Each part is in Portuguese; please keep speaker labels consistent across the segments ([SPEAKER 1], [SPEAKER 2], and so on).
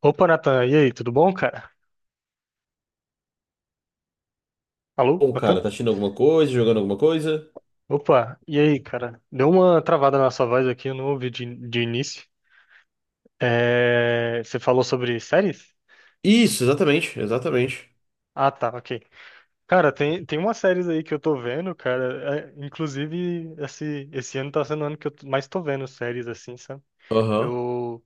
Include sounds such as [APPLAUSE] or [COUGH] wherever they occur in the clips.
[SPEAKER 1] Opa, Natan, e aí, tudo bom, cara? Alô,
[SPEAKER 2] Bom, cara,
[SPEAKER 1] Natan?
[SPEAKER 2] tá assistindo alguma coisa, jogando alguma coisa?
[SPEAKER 1] Opa, e aí, cara? Deu uma travada na sua voz aqui, eu não ouvi de início. É, você falou sobre séries?
[SPEAKER 2] Isso, exatamente, exatamente.
[SPEAKER 1] Ah, tá, ok. Cara, tem umas séries aí que eu tô vendo, cara. Inclusive, esse ano tá sendo o ano que eu mais tô vendo séries, assim, sabe?
[SPEAKER 2] Aham. [LAUGHS]
[SPEAKER 1] Eu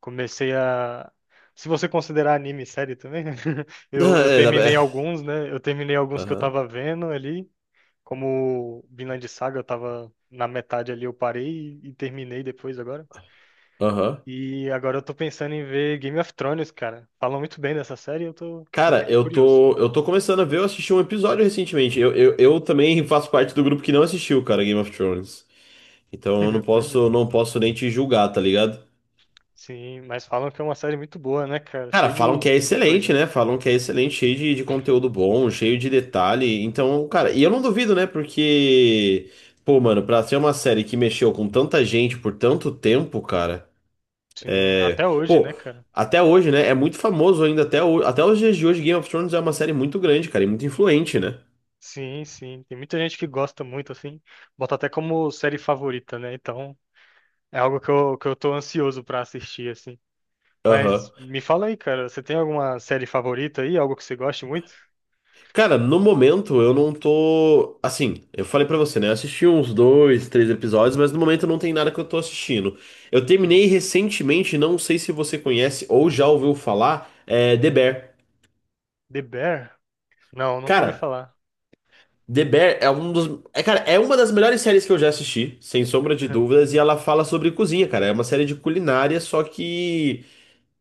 [SPEAKER 1] comecei a. Se você considerar anime série também, [LAUGHS] eu
[SPEAKER 2] É, dá pra-
[SPEAKER 1] terminei
[SPEAKER 2] é.
[SPEAKER 1] alguns, né? Eu terminei alguns que eu
[SPEAKER 2] Aham.
[SPEAKER 1] tava vendo ali. Como Vinland Saga, eu tava na metade ali, eu parei e terminei depois agora.
[SPEAKER 2] Aham.
[SPEAKER 1] E agora eu tô pensando em ver Game of Thrones, cara. Falam muito bem dessa série, e eu tô
[SPEAKER 2] Cara,
[SPEAKER 1] inteiro
[SPEAKER 2] eu
[SPEAKER 1] curioso.
[SPEAKER 2] tô, eu tô começando a ver, eu assisti um episódio recentemente. Eu também faço parte do grupo que não assistiu, cara, Game of Thrones. Então eu não
[SPEAKER 1] [LAUGHS] Pois é.
[SPEAKER 2] posso, não posso nem te julgar, tá ligado?
[SPEAKER 1] Sim, mas falam que é uma série muito boa, né, cara?
[SPEAKER 2] Cara,
[SPEAKER 1] Cheia
[SPEAKER 2] falam que é
[SPEAKER 1] de
[SPEAKER 2] excelente,
[SPEAKER 1] coisa.
[SPEAKER 2] né? Falam que é excelente, cheio de conteúdo bom, cheio de detalhe. Então, cara, e eu não duvido, né? Porque, pô, mano, pra ser uma série que mexeu com tanta gente por tanto tempo, cara.
[SPEAKER 1] Sim,
[SPEAKER 2] É,
[SPEAKER 1] até hoje, né,
[SPEAKER 2] pô,
[SPEAKER 1] cara?
[SPEAKER 2] até hoje, né? É muito famoso ainda até os dias de hoje. Game of Thrones é uma série muito grande, cara, e muito influente, né?
[SPEAKER 1] Sim, sim. Tem muita gente que gosta muito, assim. Bota até como série favorita, né? Então, é algo que eu tô ansioso pra assistir, assim. Mas
[SPEAKER 2] Aham.
[SPEAKER 1] me fala aí, cara, você tem alguma série favorita aí? Algo que você goste muito?
[SPEAKER 2] Cara, no momento eu não tô. Assim, eu falei pra você, né? Eu assisti uns dois, três episódios, mas no momento não tem nada que eu tô assistindo. Eu
[SPEAKER 1] Sim.
[SPEAKER 2] terminei recentemente, não sei se você conhece ou já ouviu falar, é The Bear.
[SPEAKER 1] The Bear? Não, nunca ouvi
[SPEAKER 2] Cara,
[SPEAKER 1] falar.
[SPEAKER 2] The Bear é um dos. Cara, é uma das melhores séries que eu já assisti, sem sombra de
[SPEAKER 1] [LAUGHS]
[SPEAKER 2] dúvidas, e ela fala sobre cozinha, cara. É uma série de culinária, só que.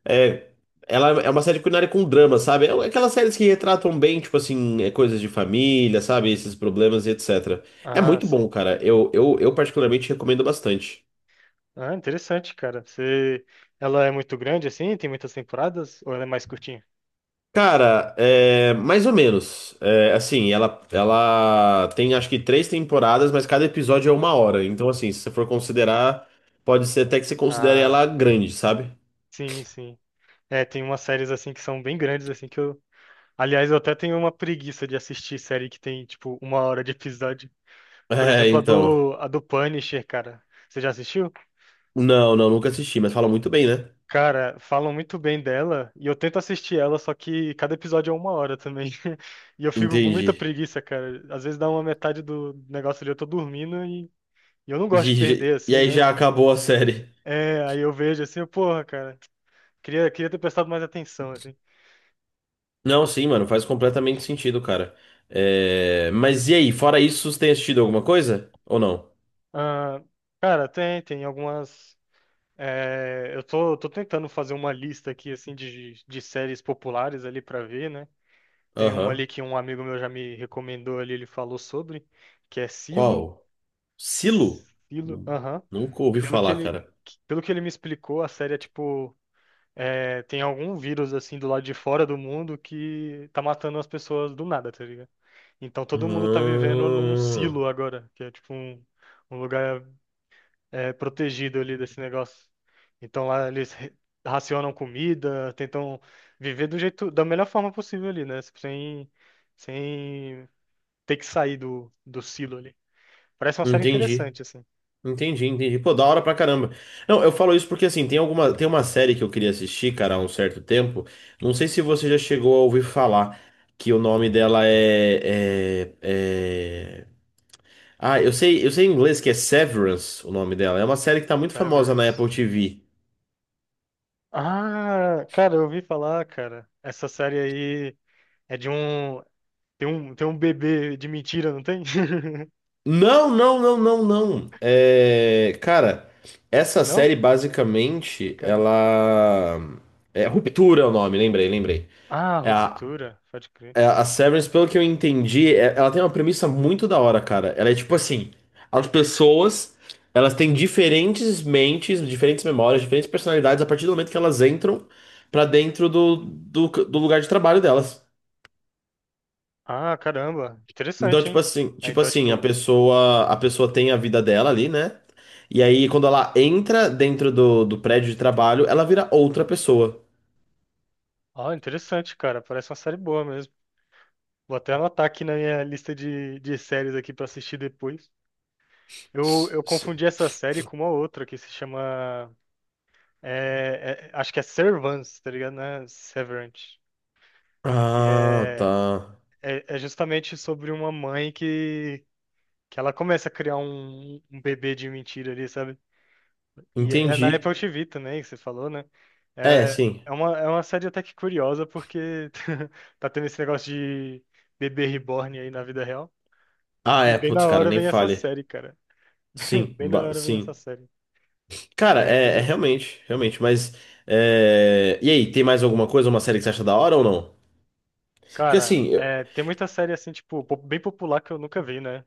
[SPEAKER 2] É, Ela é uma série culinária com drama, sabe? É um, aquelas séries que retratam bem, tipo assim, coisas de família, sabe? Esses problemas e etc. É
[SPEAKER 1] Ah,
[SPEAKER 2] muito bom,
[SPEAKER 1] sei.
[SPEAKER 2] cara. Eu particularmente recomendo bastante.
[SPEAKER 1] Ah, interessante, cara. Você... Ela é muito grande assim? Tem muitas temporadas? Ou ela é mais curtinha?
[SPEAKER 2] Cara, mais ou menos. Assim, ela tem acho que três temporadas, mas cada episódio é uma hora. Então, assim, se você for considerar, pode ser até que você considere
[SPEAKER 1] Ah,
[SPEAKER 2] ela grande, sabe? [LAUGHS]
[SPEAKER 1] sim, sim. É, tem umas séries assim que são bem grandes assim que eu. Aliás, eu até tenho uma preguiça de assistir série que tem tipo uma hora de episódio. Por
[SPEAKER 2] É,
[SPEAKER 1] exemplo,
[SPEAKER 2] então.
[SPEAKER 1] a do Punisher, cara. Você já assistiu?
[SPEAKER 2] Não, não, nunca assisti, mas fala muito bem, né?
[SPEAKER 1] Cara, falam muito bem dela e eu tento assistir ela, só que cada episódio é uma hora também. [LAUGHS] E eu fico com muita
[SPEAKER 2] Entendi.
[SPEAKER 1] preguiça, cara. Às vezes dá uma metade do negócio ali, eu tô dormindo e eu não
[SPEAKER 2] [LAUGHS]
[SPEAKER 1] gosto de perder,
[SPEAKER 2] E
[SPEAKER 1] assim,
[SPEAKER 2] aí
[SPEAKER 1] né?
[SPEAKER 2] já acabou a série.
[SPEAKER 1] É, aí eu vejo assim, eu, porra, cara, queria ter prestado mais atenção, assim.
[SPEAKER 2] Não, sim, mano, faz completamente sentido, cara. Mas e aí, fora isso, você tem assistido alguma coisa? Ou não?
[SPEAKER 1] Ah, cara, tem algumas. Eu tô tentando fazer uma lista aqui, assim, de séries populares ali pra ver, né? Tem uma ali
[SPEAKER 2] Aham.
[SPEAKER 1] que um amigo meu já me recomendou ali, ele falou sobre, que é Silo.
[SPEAKER 2] Qual? Silo?
[SPEAKER 1] Pelo
[SPEAKER 2] Nun-
[SPEAKER 1] aham.
[SPEAKER 2] Nunca ouvi
[SPEAKER 1] Pelo que
[SPEAKER 2] falar,
[SPEAKER 1] ele,
[SPEAKER 2] cara.
[SPEAKER 1] Pelo que ele me explicou, a série é tipo, é, tem algum vírus assim do lado de fora do mundo que tá matando as pessoas do nada, tá ligado? Então todo mundo tá vivendo num
[SPEAKER 2] Ah,
[SPEAKER 1] silo agora, que é tipo um, um lugar é, protegido ali desse negócio. Então lá eles racionam comida, tentam viver do jeito, da melhor forma possível ali, né? Sem ter que sair do silo ali. Parece uma série
[SPEAKER 2] entendi.
[SPEAKER 1] interessante, assim.
[SPEAKER 2] Entendi, entendi. Pô, da hora pra caramba. Não, eu falo isso porque assim, tem alguma, tem uma série que eu queria assistir, cara, há um certo tempo. Não sei se
[SPEAKER 1] Uhum.
[SPEAKER 2] você já chegou a ouvir falar que o nome dela Ah, eu sei em inglês que é Severance o nome dela. É uma série que tá muito famosa na Apple
[SPEAKER 1] Severance.
[SPEAKER 2] TV.
[SPEAKER 1] Ah, cara, eu ouvi falar, cara. Essa série aí é de um. Tem um bebê de mentira, não tem? [LAUGHS]
[SPEAKER 2] Não, não, não, não, não. Essa
[SPEAKER 1] Não?
[SPEAKER 2] série basicamente
[SPEAKER 1] Caramba.
[SPEAKER 2] ela é Ruptura é o nome, lembrei, lembrei.
[SPEAKER 1] Ah,
[SPEAKER 2] É a,
[SPEAKER 1] Ruptura, pode crer.
[SPEAKER 2] é a Severance, pelo que eu entendi, ela tem uma premissa muito da hora, cara. Ela é tipo assim, as pessoas, elas têm diferentes mentes, diferentes memórias, diferentes personalidades a partir do momento que elas entram pra dentro do lugar de trabalho delas.
[SPEAKER 1] Ah, caramba.
[SPEAKER 2] Então,
[SPEAKER 1] Interessante,
[SPEAKER 2] tipo
[SPEAKER 1] hein?
[SPEAKER 2] assim,
[SPEAKER 1] Ah,
[SPEAKER 2] tipo
[SPEAKER 1] então,
[SPEAKER 2] assim, a
[SPEAKER 1] tipo.
[SPEAKER 2] pessoa, a pessoa tem a vida dela ali, né? E aí, quando ela entra dentro do prédio de trabalho, ela vira outra pessoa.
[SPEAKER 1] Ó, interessante, cara. Parece uma série boa mesmo. Vou até anotar aqui na minha lista de séries aqui pra assistir depois. Eu,
[SPEAKER 2] S-
[SPEAKER 1] eu
[SPEAKER 2] s-
[SPEAKER 1] confundi essa série com uma outra que se chama. Acho que é Servants, tá ligado? Né? Severance. Que
[SPEAKER 2] Ah,
[SPEAKER 1] é
[SPEAKER 2] tá.
[SPEAKER 1] é, é justamente sobre uma mãe que ela começa a criar um bebê de mentira ali, sabe? E é na
[SPEAKER 2] Entendi.
[SPEAKER 1] Apple TV também, que você falou, né?
[SPEAKER 2] É,
[SPEAKER 1] É,
[SPEAKER 2] sim.
[SPEAKER 1] é uma série até que curiosa, porque [LAUGHS] tá tendo esse negócio de bebê reborn aí na vida real.
[SPEAKER 2] Ah,
[SPEAKER 1] E
[SPEAKER 2] é,
[SPEAKER 1] bem
[SPEAKER 2] putz,
[SPEAKER 1] na
[SPEAKER 2] cara,
[SPEAKER 1] hora
[SPEAKER 2] nem
[SPEAKER 1] vem essa
[SPEAKER 2] fale.
[SPEAKER 1] série, cara.
[SPEAKER 2] Sim,
[SPEAKER 1] [LAUGHS] Bem na hora vem essa
[SPEAKER 2] sim.
[SPEAKER 1] série.
[SPEAKER 2] Cara,
[SPEAKER 1] Aí é
[SPEAKER 2] é, é
[SPEAKER 1] curioso.
[SPEAKER 2] realmente, realmente, mas. E aí, tem mais alguma coisa, uma série que você acha da hora ou não? Porque
[SPEAKER 1] Cara,
[SPEAKER 2] assim,
[SPEAKER 1] é, tem muita série assim, tipo, bem popular que eu nunca vi, né?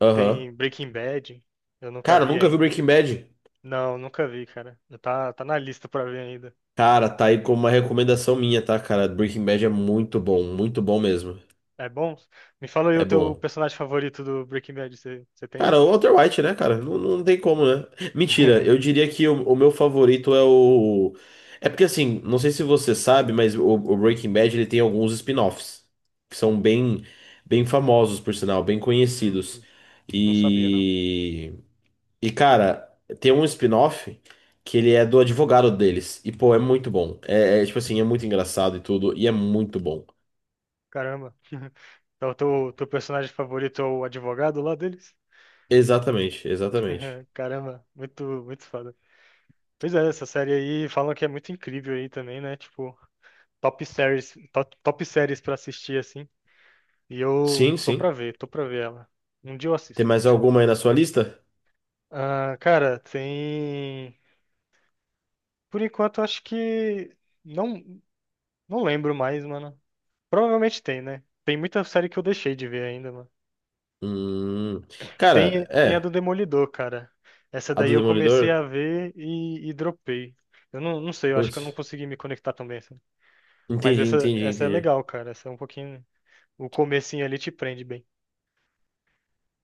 [SPEAKER 2] aham.
[SPEAKER 1] Tem Breaking Bad, eu nunca
[SPEAKER 2] Cara, eu
[SPEAKER 1] vi
[SPEAKER 2] nunca vi
[SPEAKER 1] ainda.
[SPEAKER 2] Breaking Bad.
[SPEAKER 1] Não, nunca vi, cara. Já tá, tá na lista pra ver ainda.
[SPEAKER 2] Cara, tá aí como uma recomendação minha, tá, cara? Breaking Bad é muito bom mesmo.
[SPEAKER 1] É bom? Me fala aí o
[SPEAKER 2] É
[SPEAKER 1] teu
[SPEAKER 2] bom.
[SPEAKER 1] personagem favorito do Breaking Bad. Você tem um?
[SPEAKER 2] Cara, o Walter White, né, cara? Não, não tem como, né? Mentira, eu
[SPEAKER 1] [LAUGHS]
[SPEAKER 2] diria que o meu favorito é o. É porque, assim, não sei se você sabe, mas o Breaking Bad ele tem alguns spin-offs que são bem, bem famosos, por sinal, bem
[SPEAKER 1] Hum,
[SPEAKER 2] conhecidos.
[SPEAKER 1] não sabia, não.
[SPEAKER 2] E. E, cara, tem um spin-off que ele é do advogado deles. E, pô, é muito bom. É, é, tipo assim, é muito engraçado e tudo, e é muito bom.
[SPEAKER 1] Caramba. Então, teu personagem favorito é o advogado lá deles?
[SPEAKER 2] Exatamente, exatamente.
[SPEAKER 1] [LAUGHS] Caramba, muito, muito foda. Pois é, essa série aí falam que é muito incrível aí também, né? Tipo, top séries, top séries pra assistir, assim. E
[SPEAKER 2] Sim,
[SPEAKER 1] eu
[SPEAKER 2] sim.
[SPEAKER 1] tô pra ver ela. Um dia eu
[SPEAKER 2] Tem
[SPEAKER 1] assisto.
[SPEAKER 2] mais alguma aí na sua lista?
[SPEAKER 1] Ah, cara, tem. Por enquanto, acho que não, não lembro mais, mano. Provavelmente tem, né? Tem muita série que eu deixei de ver ainda, mano.
[SPEAKER 2] Hum. Cara,
[SPEAKER 1] Tem a do
[SPEAKER 2] é.
[SPEAKER 1] Demolidor, cara. Essa
[SPEAKER 2] A
[SPEAKER 1] daí
[SPEAKER 2] do
[SPEAKER 1] eu comecei
[SPEAKER 2] Demolidor?
[SPEAKER 1] a ver e dropei. Eu não sei, eu acho que eu não
[SPEAKER 2] Putz.
[SPEAKER 1] consegui me conectar também, assim. Mas
[SPEAKER 2] Entendi, entendi,
[SPEAKER 1] essa é
[SPEAKER 2] entendi.
[SPEAKER 1] legal, cara. Essa é um pouquinho. O comecinho ali te prende bem.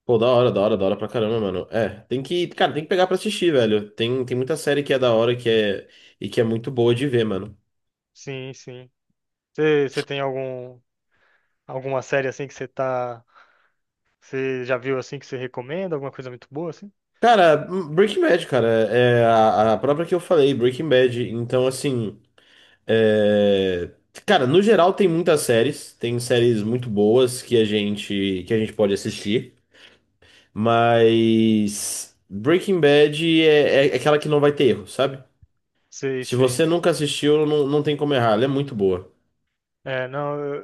[SPEAKER 2] Pô, da hora, da hora, da hora pra caramba, mano. É, tem que, cara, tem que pegar pra assistir, velho. Tem, tem muita série que é da hora que é, e que é muito boa de ver, mano.
[SPEAKER 1] Sim, sim. Você tem algum, alguma série assim que você tá. Você já viu assim que você recomenda? Alguma coisa muito boa, assim?
[SPEAKER 2] Cara, Breaking Bad, cara, é é a própria que eu falei, Breaking Bad. Então, assim, é... Cara, no geral tem muitas séries, tem séries muito boas que a gente pode assistir. Mas Breaking Bad é aquela que não vai ter erro, sabe?
[SPEAKER 1] Sei,
[SPEAKER 2] Se você
[SPEAKER 1] sei.
[SPEAKER 2] nunca assistiu, não, não tem como errar. Ela é muito boa.
[SPEAKER 1] É, não, eu,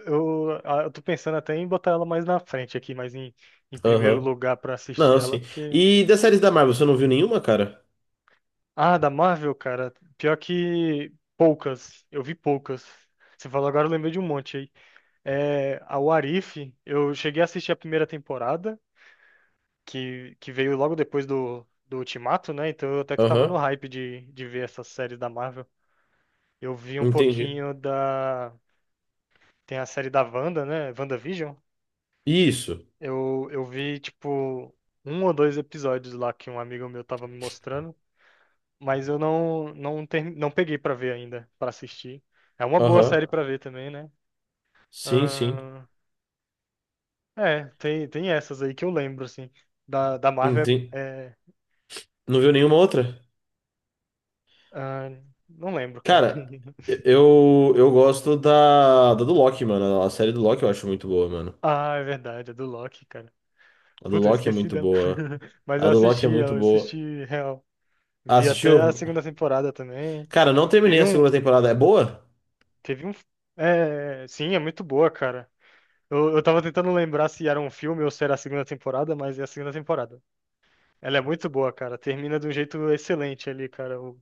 [SPEAKER 1] eu, ah, eu tô pensando até em botar ela mais na frente aqui, em primeiro
[SPEAKER 2] Aham.
[SPEAKER 1] lugar pra assistir
[SPEAKER 2] Não,
[SPEAKER 1] ela,
[SPEAKER 2] sim.
[SPEAKER 1] porque.
[SPEAKER 2] E das séries da Marvel, você não viu nenhuma, cara?
[SPEAKER 1] Ah, da Marvel, cara, pior que poucas, eu vi poucas. Você falou agora, eu lembrei de um monte aí. É, a What If, eu cheguei a assistir a primeira temporada, que veio logo depois do Ultimato, né? Então eu até que tava no
[SPEAKER 2] Aham.
[SPEAKER 1] hype de ver essas séries da Marvel. Eu vi um
[SPEAKER 2] Entendi.
[SPEAKER 1] pouquinho da. Tem a série da Wanda, né? WandaVision.
[SPEAKER 2] Isso.
[SPEAKER 1] Eu vi, tipo, um ou dois episódios lá que um amigo meu tava me mostrando, mas eu não peguei pra ver ainda, pra assistir. É uma boa
[SPEAKER 2] Aham.
[SPEAKER 1] série pra ver também, né?
[SPEAKER 2] Sim, sim.
[SPEAKER 1] Ahn, é, tem essas aí que eu lembro, assim. Da Marvel
[SPEAKER 2] Entendi.
[SPEAKER 1] é.
[SPEAKER 2] Não viu nenhuma outra?
[SPEAKER 1] é, ahn, não lembro, cara.
[SPEAKER 2] Cara,
[SPEAKER 1] [LAUGHS]
[SPEAKER 2] eu gosto da, da do Loki, mano. A série do Loki eu acho muito boa, mano.
[SPEAKER 1] Ah, é verdade, é do Loki, cara.
[SPEAKER 2] A do
[SPEAKER 1] Puta, eu
[SPEAKER 2] Loki é
[SPEAKER 1] esqueci
[SPEAKER 2] muito
[SPEAKER 1] dela.
[SPEAKER 2] boa.
[SPEAKER 1] [LAUGHS] Mas
[SPEAKER 2] A do Loki é muito
[SPEAKER 1] eu
[SPEAKER 2] boa.
[SPEAKER 1] assisti real.
[SPEAKER 2] Ah,
[SPEAKER 1] Vi até a
[SPEAKER 2] assistiu?
[SPEAKER 1] segunda temporada também.
[SPEAKER 2] Cara, não terminei
[SPEAKER 1] Teve
[SPEAKER 2] a segunda
[SPEAKER 1] um.
[SPEAKER 2] temporada. É boa?
[SPEAKER 1] Teve um. É, sim, é muito boa, cara. Eu tava tentando lembrar se era um filme ou se era a segunda temporada, mas é a segunda temporada. Ela é muito boa, cara. Termina de um jeito excelente ali, cara,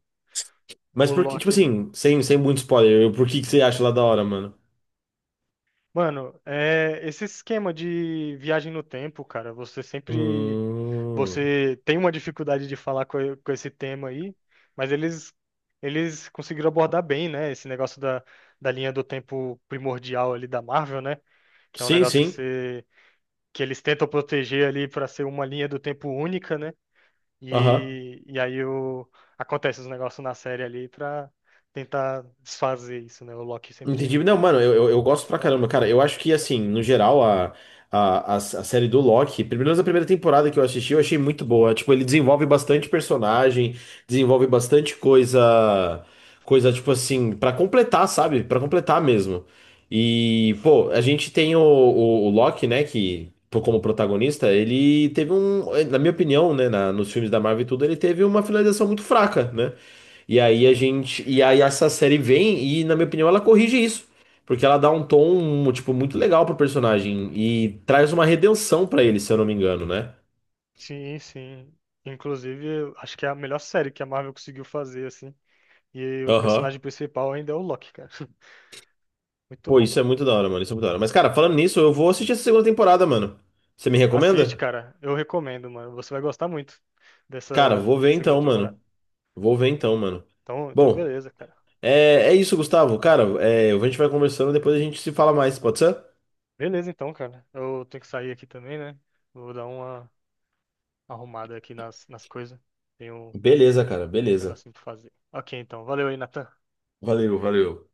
[SPEAKER 2] Mas
[SPEAKER 1] o
[SPEAKER 2] por que, tipo
[SPEAKER 1] Loki ali.
[SPEAKER 2] assim, sem, sem muito spoiler, por que que você acha lá da hora, mano?
[SPEAKER 1] Mano, é, esse esquema de viagem no tempo, cara, você sempre.
[SPEAKER 2] Hum...
[SPEAKER 1] Você tem uma dificuldade de falar com esse tema aí, mas eles, eles conseguiram abordar bem, né? Esse negócio da linha do tempo primordial ali da Marvel, né? Que é um
[SPEAKER 2] Sim,
[SPEAKER 1] negócio que
[SPEAKER 2] sim.
[SPEAKER 1] você. Que eles tentam proteger ali pra ser uma linha do tempo única, né?
[SPEAKER 2] Aham.
[SPEAKER 1] E, e aí o, acontece os negócios na série ali pra tentar desfazer isso, né? O Loki sempre
[SPEAKER 2] Entendi. Não, mano, eu gosto pra caramba,
[SPEAKER 1] estragando tudo.
[SPEAKER 2] cara. Eu acho que, assim, no geral, a série do Loki, pelo menos a primeira temporada que eu assisti, eu achei muito boa. Tipo, ele desenvolve bastante personagem, desenvolve bastante coisa, coisa, tipo assim, pra completar, sabe? Pra completar mesmo. E, pô, a gente tem o Loki, né, que, pô, como protagonista, na minha opinião, né, na, nos filmes da Marvel e tudo, ele teve uma finalização muito fraca, né?
[SPEAKER 1] Sim,
[SPEAKER 2] E aí essa série vem e na minha opinião ela corrige isso, porque ela dá um tom tipo muito legal pro personagem e traz uma redenção pra ele, se eu não me engano, né?
[SPEAKER 1] sim. Inclusive, eu acho que é a melhor série que a Marvel conseguiu fazer, assim. E o
[SPEAKER 2] Aham.
[SPEAKER 1] personagem principal ainda é o Loki, cara. [LAUGHS] Muito
[SPEAKER 2] Pô,
[SPEAKER 1] bom.
[SPEAKER 2] isso é muito da hora, mano, isso é muito da hora. Mas cara, falando nisso, eu vou assistir essa segunda temporada, mano. Você me
[SPEAKER 1] Assiste,
[SPEAKER 2] recomenda?
[SPEAKER 1] cara. Eu recomendo, mano. Você vai gostar muito
[SPEAKER 2] Cara,
[SPEAKER 1] dessa
[SPEAKER 2] vou ver
[SPEAKER 1] segunda
[SPEAKER 2] então,
[SPEAKER 1] temporada.
[SPEAKER 2] mano. Vou ver então, mano.
[SPEAKER 1] Então
[SPEAKER 2] Bom,
[SPEAKER 1] beleza, cara.
[SPEAKER 2] é, é isso, Gustavo. Cara, é, a gente vai conversando, depois a gente se fala mais, pode ser?
[SPEAKER 1] Beleza, então, cara. Eu tenho que sair aqui também, né? Vou dar uma arrumada aqui nas coisas. Tenho
[SPEAKER 2] Beleza, cara,
[SPEAKER 1] uns
[SPEAKER 2] beleza.
[SPEAKER 1] negocinhos pra fazer. Ok, então. Valeu aí, Natan.
[SPEAKER 2] Valeu, valeu.